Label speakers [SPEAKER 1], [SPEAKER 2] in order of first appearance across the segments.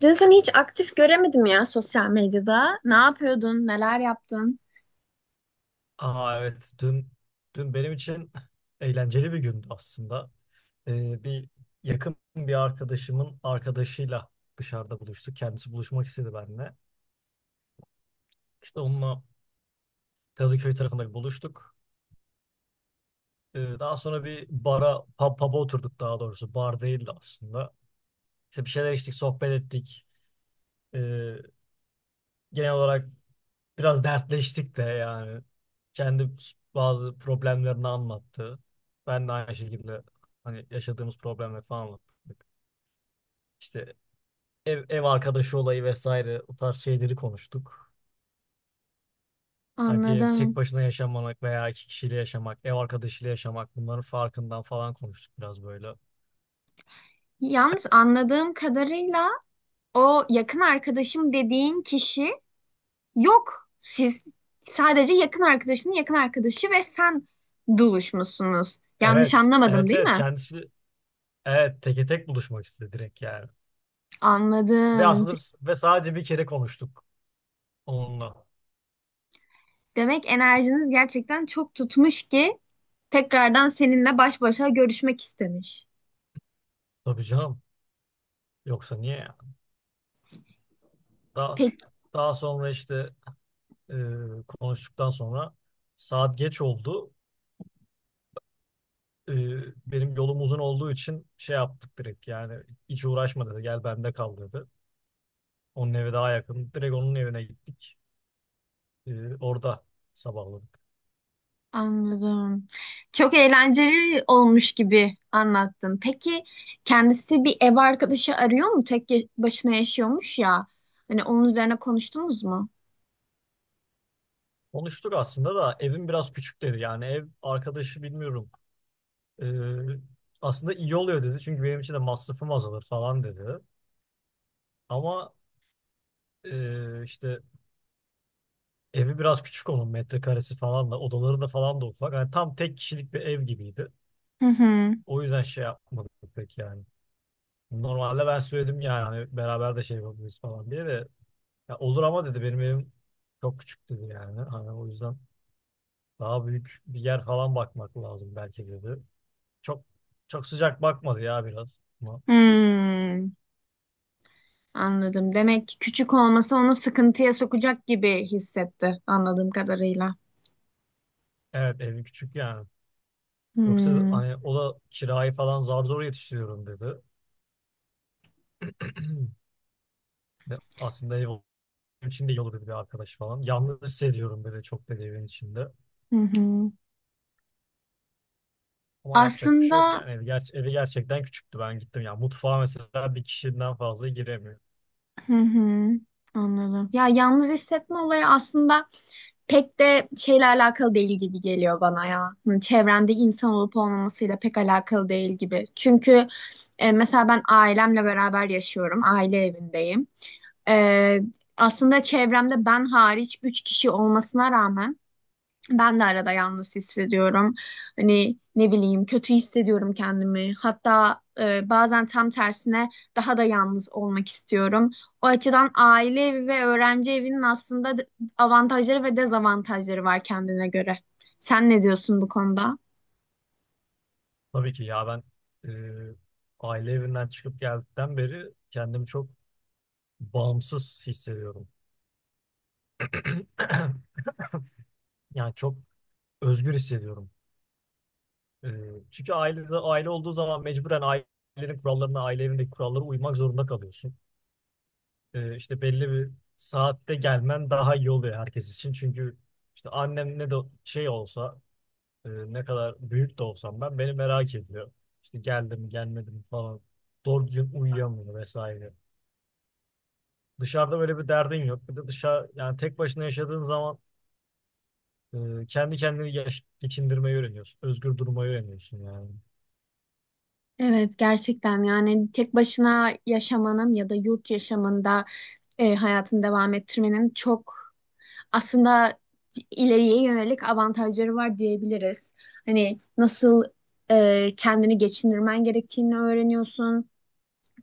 [SPEAKER 1] Dün seni hiç aktif göremedim ya sosyal medyada. Ne yapıyordun, neler yaptın?
[SPEAKER 2] Aa, evet dün benim için eğlenceli bir gündü aslında. Bir Yakın bir arkadaşımın arkadaşıyla dışarıda buluştuk. Kendisi buluşmak istedi benimle. İşte onunla Kadıköy tarafında buluştuk. Daha sonra bir pub'a oturduk daha doğrusu. Bar değildi aslında. İşte bir şeyler içtik, sohbet ettik. Ee, Genel olarak biraz dertleştik de yani. Kendi bazı problemlerini anlattı. Ben de aynı şekilde hani yaşadığımız problemleri falan anlattık. İşte ev arkadaşı olayı vesaire o tarz şeyleri konuştuk. Hani bir ev tek
[SPEAKER 1] Anladım.
[SPEAKER 2] başına yaşamamak veya iki kişiyle yaşamak, ev arkadaşıyla yaşamak bunların farkından falan konuştuk biraz böyle.
[SPEAKER 1] Yalnız anladığım kadarıyla o yakın arkadaşım dediğin kişi yok. Siz sadece yakın arkadaşının yakın arkadaşı ve sen buluşmuşsunuz. Yanlış
[SPEAKER 2] Evet,
[SPEAKER 1] anlamadım
[SPEAKER 2] evet
[SPEAKER 1] değil
[SPEAKER 2] evet
[SPEAKER 1] mi?
[SPEAKER 2] kendisi evet teke tek buluşmak istedi direkt yani. Ve
[SPEAKER 1] Anladım.
[SPEAKER 2] ve sadece bir kere konuştuk onunla.
[SPEAKER 1] Demek enerjiniz gerçekten çok tutmuş ki tekrardan seninle baş başa görüşmek istemiş.
[SPEAKER 2] Tabii canım, yoksa niye? Daha,
[SPEAKER 1] Peki.
[SPEAKER 2] daha sonra işte e, konuştuktan sonra saat geç oldu. E, Benim yolum uzun olduğu için şey yaptık direkt yani, hiç uğraşma dedi, gel bende kal dedi. Onun evi daha yakın, direkt onun evine gittik. Orada sabahladık.
[SPEAKER 1] Anladım. Çok eğlenceli olmuş gibi anlattın. Peki kendisi bir ev arkadaşı arıyor mu? Tek başına yaşıyormuş ya. Hani onun üzerine konuştunuz mu?
[SPEAKER 2] Konuştuk aslında da evim biraz küçük dedi. Yani ev arkadaşı bilmiyorum. E, Aslında iyi oluyor dedi, çünkü benim için de masrafım azalır falan dedi. Ama e, işte evi biraz küçük, onun metrekaresi falan da odaları da falan da ufak. Yani tam tek kişilik bir ev gibiydi.
[SPEAKER 1] Hı hı.
[SPEAKER 2] O yüzden şey yapmadık pek yani. Normalde ben söyledim yani hani beraber de şey yapabiliriz falan diye de, ya olur ama dedi benim evim çok küçük dedi yani. Hani o yüzden daha büyük bir yer falan bakmak lazım belki dedi. Çok çok sıcak bakmadı ya biraz. Ama
[SPEAKER 1] Hmm, anladım. Demek ki küçük olması onu sıkıntıya sokacak gibi hissetti anladığım kadarıyla.
[SPEAKER 2] evet evi küçük yani. Yoksa
[SPEAKER 1] Hmm,
[SPEAKER 2] hani o da kirayı falan zar zor yetiştiriyorum dedi. Ve aslında ev benim için de iyi olurdu bir de arkadaş falan. Yalnız hissediyorum böyle çok böyle evin içinde.
[SPEAKER 1] hı hı.
[SPEAKER 2] Ama yapacak bir şey yok
[SPEAKER 1] Aslında
[SPEAKER 2] yani. Evi gerçekten küçüktü ben gittim. Yani mutfağa mesela bir kişiden fazla giremiyor.
[SPEAKER 1] hı hı, anladım. Ya yalnız hissetme olayı aslında pek de şeyle alakalı değil gibi geliyor bana ya. Hı, çevrende insan olup olmamasıyla pek alakalı değil gibi. Çünkü mesela ben ailemle beraber yaşıyorum. Aile evindeyim. E, Aslında çevremde ben hariç 3 kişi olmasına rağmen ben de arada yalnız hissediyorum. Hani ne bileyim kötü hissediyorum kendimi. Hatta bazen tam tersine daha da yalnız olmak istiyorum. O açıdan aile evi ve öğrenci evinin aslında avantajları ve dezavantajları var kendine göre. Sen ne diyorsun bu konuda?
[SPEAKER 2] Tabii ki ya ben, e, aile evinden çıkıp geldikten beri kendimi çok bağımsız hissediyorum. Yani çok özgür hissediyorum. E, Çünkü aile olduğu zaman mecburen ailenin kurallarına, aile evindeki kurallara uymak zorunda kalıyorsun. İşte belli bir saatte gelmen daha iyi oluyor herkes için. Çünkü işte annem ne de şey olsa, ne kadar büyük de olsam ben, beni merak ediyor. İşte geldim gelmedim falan, doğru düzgün uyuyamıyor vesaire. Dışarıda böyle bir derdin yok. Bir de dışarı yani tek başına yaşadığın zaman geçindirmeyi öğreniyorsun. Özgür durmayı öğreniyorsun yani.
[SPEAKER 1] Evet gerçekten yani tek başına yaşamanın ya da yurt yaşamında hayatını devam ettirmenin çok aslında ileriye yönelik avantajları var diyebiliriz. Hani nasıl kendini geçindirmen gerektiğini öğreniyorsun.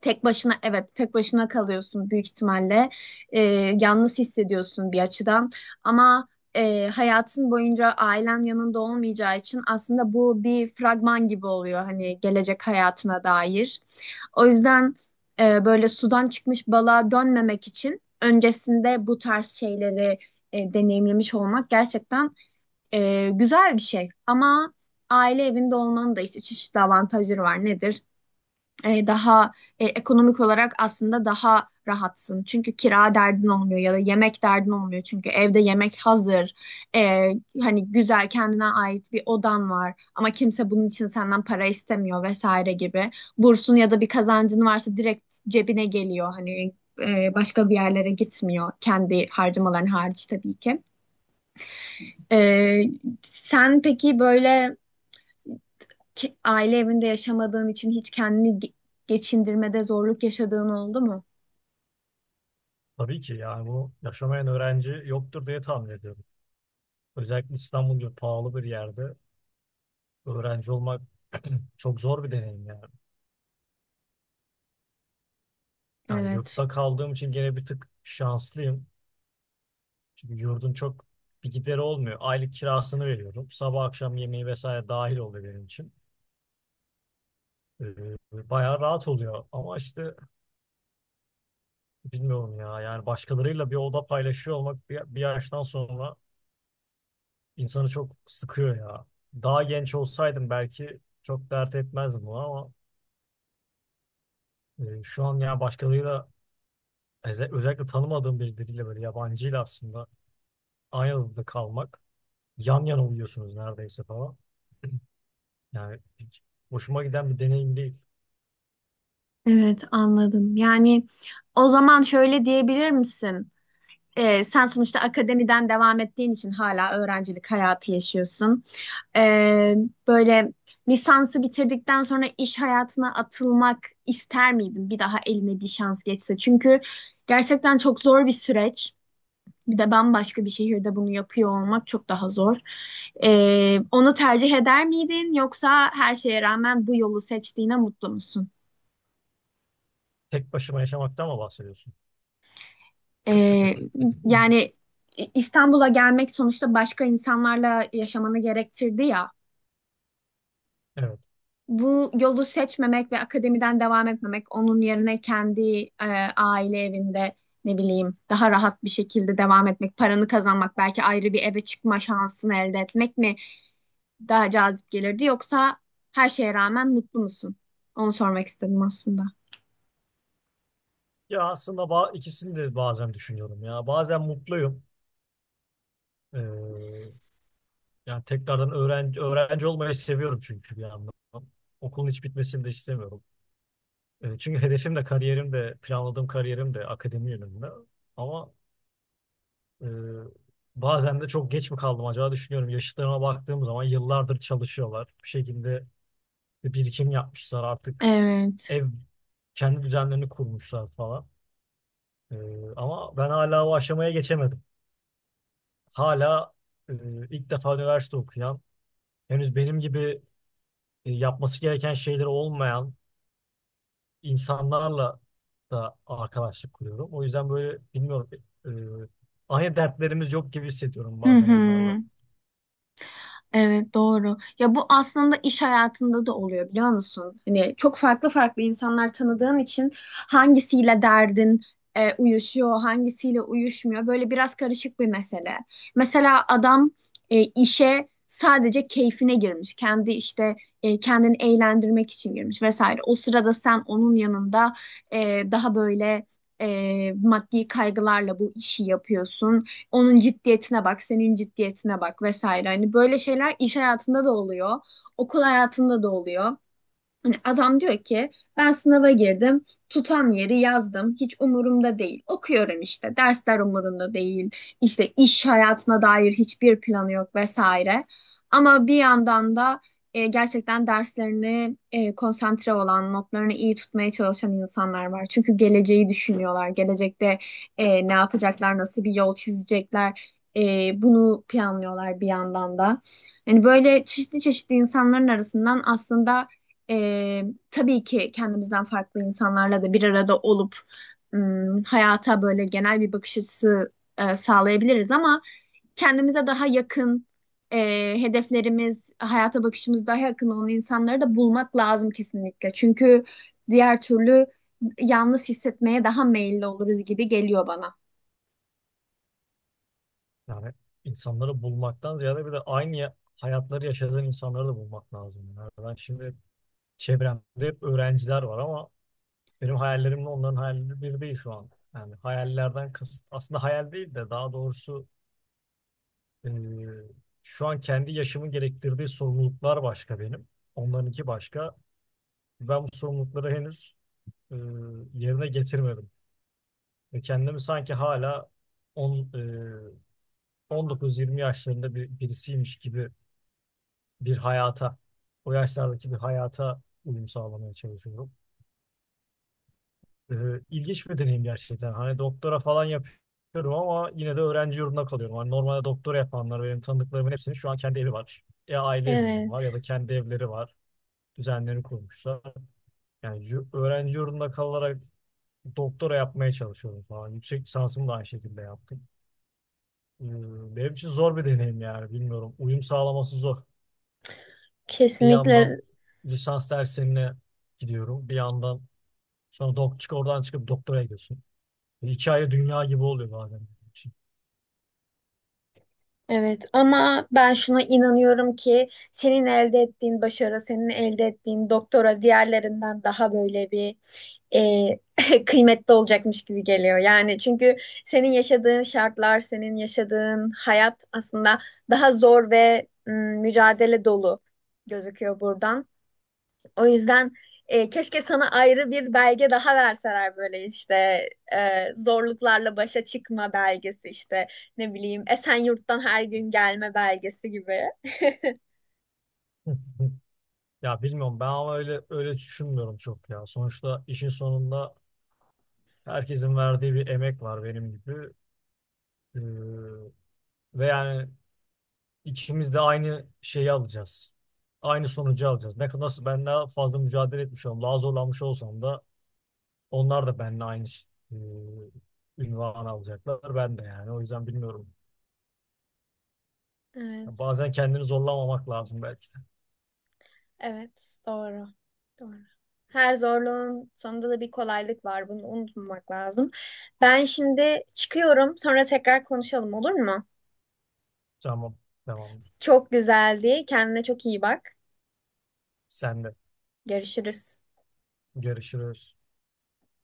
[SPEAKER 1] Tek başına evet tek başına kalıyorsun büyük ihtimalle. Ee, Yalnız hissediyorsun bir açıdan ama hayatın boyunca ailen yanında olmayacağı için aslında bu bir fragman gibi oluyor hani gelecek hayatına dair. O yüzden böyle sudan çıkmış balığa dönmemek için öncesinde bu tarz şeyleri deneyimlemiş olmak gerçekten güzel bir şey. Ama aile evinde olmanın da işte çeşitli avantajları var. Nedir? Daha ekonomik olarak aslında daha rahatsın. Çünkü kira derdin olmuyor ya da yemek derdin olmuyor. Çünkü evde yemek hazır. E, Hani güzel kendine ait bir odan var ama kimse bunun için senden para istemiyor vesaire gibi. Bursun ya da bir kazancın varsa direkt cebine geliyor. Hani başka bir yerlere gitmiyor kendi harcamaların hariç tabii ki. E, Sen peki böyle ki, aile evinde yaşamadığın için hiç kendini geçindirmede zorluk yaşadığın oldu mu?
[SPEAKER 2] Tabii ki yani bunu yaşamayan öğrenci yoktur diye tahmin ediyorum. Özellikle İstanbul gibi pahalı bir yerde öğrenci olmak çok zor bir deneyim yani. Yani
[SPEAKER 1] Evet.
[SPEAKER 2] yurtta kaldığım için gene bir tık şanslıyım. Çünkü yurdun çok bir gideri olmuyor. Aylık kirasını veriyorum, sabah akşam yemeği vesaire dahil oluyor benim için. Ee, Bayağı rahat oluyor. Ama işte bilmiyorum ya. Yani başkalarıyla bir oda paylaşıyor olmak bir yaştan sonra insanı çok sıkıyor ya. Daha genç olsaydım belki çok dert etmezdim bunu, ama şu an ya başkalarıyla özellikle tanımadığım birileriyle böyle yabancıyla aslında aynı odada kalmak, yan yana uyuyorsunuz neredeyse falan. Yani hiç hoşuma giden bir deneyim değil.
[SPEAKER 1] Evet anladım. Yani o zaman şöyle diyebilir misin? Sen sonuçta akademiden devam ettiğin için hala öğrencilik hayatı yaşıyorsun. Ee, Böyle lisansı bitirdikten sonra iş hayatına atılmak ister miydin bir daha eline bir şans geçse? Çünkü gerçekten çok zor bir süreç. Bir de bambaşka bir şehirde bunu yapıyor olmak çok daha zor. Onu tercih eder miydin yoksa her şeye rağmen bu yolu seçtiğine mutlu musun?
[SPEAKER 2] Tek başıma yaşamaktan mı bahsediyorsun?
[SPEAKER 1] Ee, yani İstanbul'a gelmek sonuçta başka insanlarla yaşamanı gerektirdi ya.
[SPEAKER 2] Evet.
[SPEAKER 1] Bu yolu seçmemek ve akademiden devam etmemek, onun yerine kendi e, aile evinde ne bileyim daha rahat bir şekilde devam etmek, paranı kazanmak, belki ayrı bir eve çıkma şansını elde etmek mi daha cazip gelirdi yoksa her şeye rağmen mutlu musun? Onu sormak istedim aslında.
[SPEAKER 2] Ya ikisini de bazen düşünüyorum ya. Bazen mutluyum. Ee, Yani tekrardan öğrenci olmayı seviyorum çünkü bir yandan. Okulun hiç bitmesini de istemiyorum. Çünkü hedefim de kariyerim de planladığım kariyerim de akademi yönünde. Ama e, bazen de çok geç mi kaldım acaba düşünüyorum. Yaşıtlarıma baktığım zaman yıllardır çalışıyorlar. Bir şekilde bir birikim yapmışlar artık,
[SPEAKER 1] Evet.
[SPEAKER 2] ev, kendi düzenlerini kurmuşlar falan. Ee, Ama ben hala o aşamaya geçemedim. Hala e, ilk defa üniversite okuyan, henüz benim gibi yapması gereken şeyleri olmayan insanlarla da arkadaşlık kuruyorum. O yüzden böyle bilmiyorum, e, aynı dertlerimiz yok gibi hissediyorum
[SPEAKER 1] Hı
[SPEAKER 2] bazen onlarla.
[SPEAKER 1] hı. Evet doğru. Ya bu aslında iş hayatında da oluyor biliyor musun? Hani çok farklı farklı insanlar tanıdığın için hangisiyle derdin uyuşuyor, hangisiyle uyuşmuyor. Böyle biraz karışık bir mesele. Mesela adam işe sadece keyfine girmiş. Kendi işte kendini eğlendirmek için girmiş vesaire. O sırada sen onun yanında daha böyle maddi kaygılarla bu işi yapıyorsun. Onun ciddiyetine bak, senin ciddiyetine bak vesaire. Hani böyle şeyler iş hayatında da oluyor, okul hayatında da oluyor. Hani adam diyor ki ben sınava girdim, tutan yeri yazdım, hiç umurumda değil. Okuyorum işte, dersler umurumda değil, işte iş hayatına dair hiçbir planı yok vesaire. Ama bir yandan da gerçekten derslerini konsantre olan, notlarını iyi tutmaya çalışan insanlar var. Çünkü geleceği düşünüyorlar, gelecekte ne yapacaklar, nasıl bir yol çizecekler, bunu planlıyorlar bir yandan da. Yani böyle çeşitli çeşitli insanların arasından aslında ee, tabii ki kendimizden farklı insanlarla da bir arada olup hayata böyle genel bir bakış açısı sağlayabiliriz ama kendimize daha yakın hedeflerimiz, hayata bakışımız daha yakın olan insanları da bulmak lazım kesinlikle. Çünkü diğer türlü yalnız hissetmeye daha meyilli oluruz gibi geliyor bana.
[SPEAKER 2] Yani insanları bulmaktan ziyade bir de aynı hayatları yaşadığın insanları da bulmak lazım. Yani ben şimdi çevremde hep öğrenciler var, ama benim hayallerimle onların hayalleri bir değil şu an. Yani hayallerden kasıt aslında hayal değil de daha doğrusu e, şu an kendi yaşımın gerektirdiği sorumluluklar başka benim. Onlarınki başka. Ben bu sorumlulukları henüz e, yerine getirmedim. Ve kendimi sanki hala on, e, 19-20 yaşlarında birisiymiş gibi bir hayata, o yaşlardaki bir hayata uyum sağlamaya çalışıyorum. Ee, ilginç bir deneyim gerçekten. Hani doktora falan yapıyorum ama yine de öğrenci yurdunda kalıyorum. Hani normalde doktora yapanlar, benim tanıdıklarımın hepsinin şu an kendi evi var. Ya aile evinde var ya da
[SPEAKER 1] Evet,
[SPEAKER 2] kendi evleri var. Düzenlerini kurmuşlar. Yani öğrenci yurdunda kalarak doktora yapmaya çalışıyorum falan. Yüksek lisansımı da aynı şekilde yaptım. Ee, Benim için zor bir deneyim yani bilmiyorum. Uyum sağlaması zor. Bir
[SPEAKER 1] kesinlikle.
[SPEAKER 2] yandan lisans derslerine gidiyorum. Bir yandan sonra dok çık oradan çıkıp doktora gidiyorsun. Hikaye dünya gibi oluyor bazen.
[SPEAKER 1] Evet ama ben şuna inanıyorum ki senin elde ettiğin başarı, senin elde ettiğin doktora diğerlerinden daha böyle bir kıymetli olacakmış gibi geliyor. Yani çünkü senin yaşadığın şartlar, senin yaşadığın hayat aslında daha zor ve mücadele dolu gözüküyor buradan. O yüzden keşke sana ayrı bir belge daha verseler böyle işte zorluklarla başa çıkma belgesi işte ne bileyim Esenyurt'tan her gün gelme belgesi gibi.
[SPEAKER 2] Hı hı. Ya bilmiyorum ben ama öyle düşünmüyorum çok ya. Sonuçta işin sonunda herkesin verdiği bir emek var benim gibi. Ee, ve yani ikimiz de aynı şeyi alacağız. Aynı sonucu alacağız. Ne kadar nasıl ben daha fazla mücadele etmiş olsam, daha zorlanmış olsam da onlar da benimle aynı ünvanı alacaklar. Ben de yani. O yüzden bilmiyorum. Ya
[SPEAKER 1] Evet,
[SPEAKER 2] bazen kendini zorlamamak lazım belki de.
[SPEAKER 1] evet doğru. Doğru. Her zorluğun sonunda da bir kolaylık var. Bunu unutmamak lazım. Ben şimdi çıkıyorum. Sonra tekrar konuşalım olur mu?
[SPEAKER 2] Tamam. Tamam.
[SPEAKER 1] Çok güzeldi. Kendine çok iyi bak.
[SPEAKER 2] Sen de.
[SPEAKER 1] Görüşürüz.
[SPEAKER 2] Görüşürüz.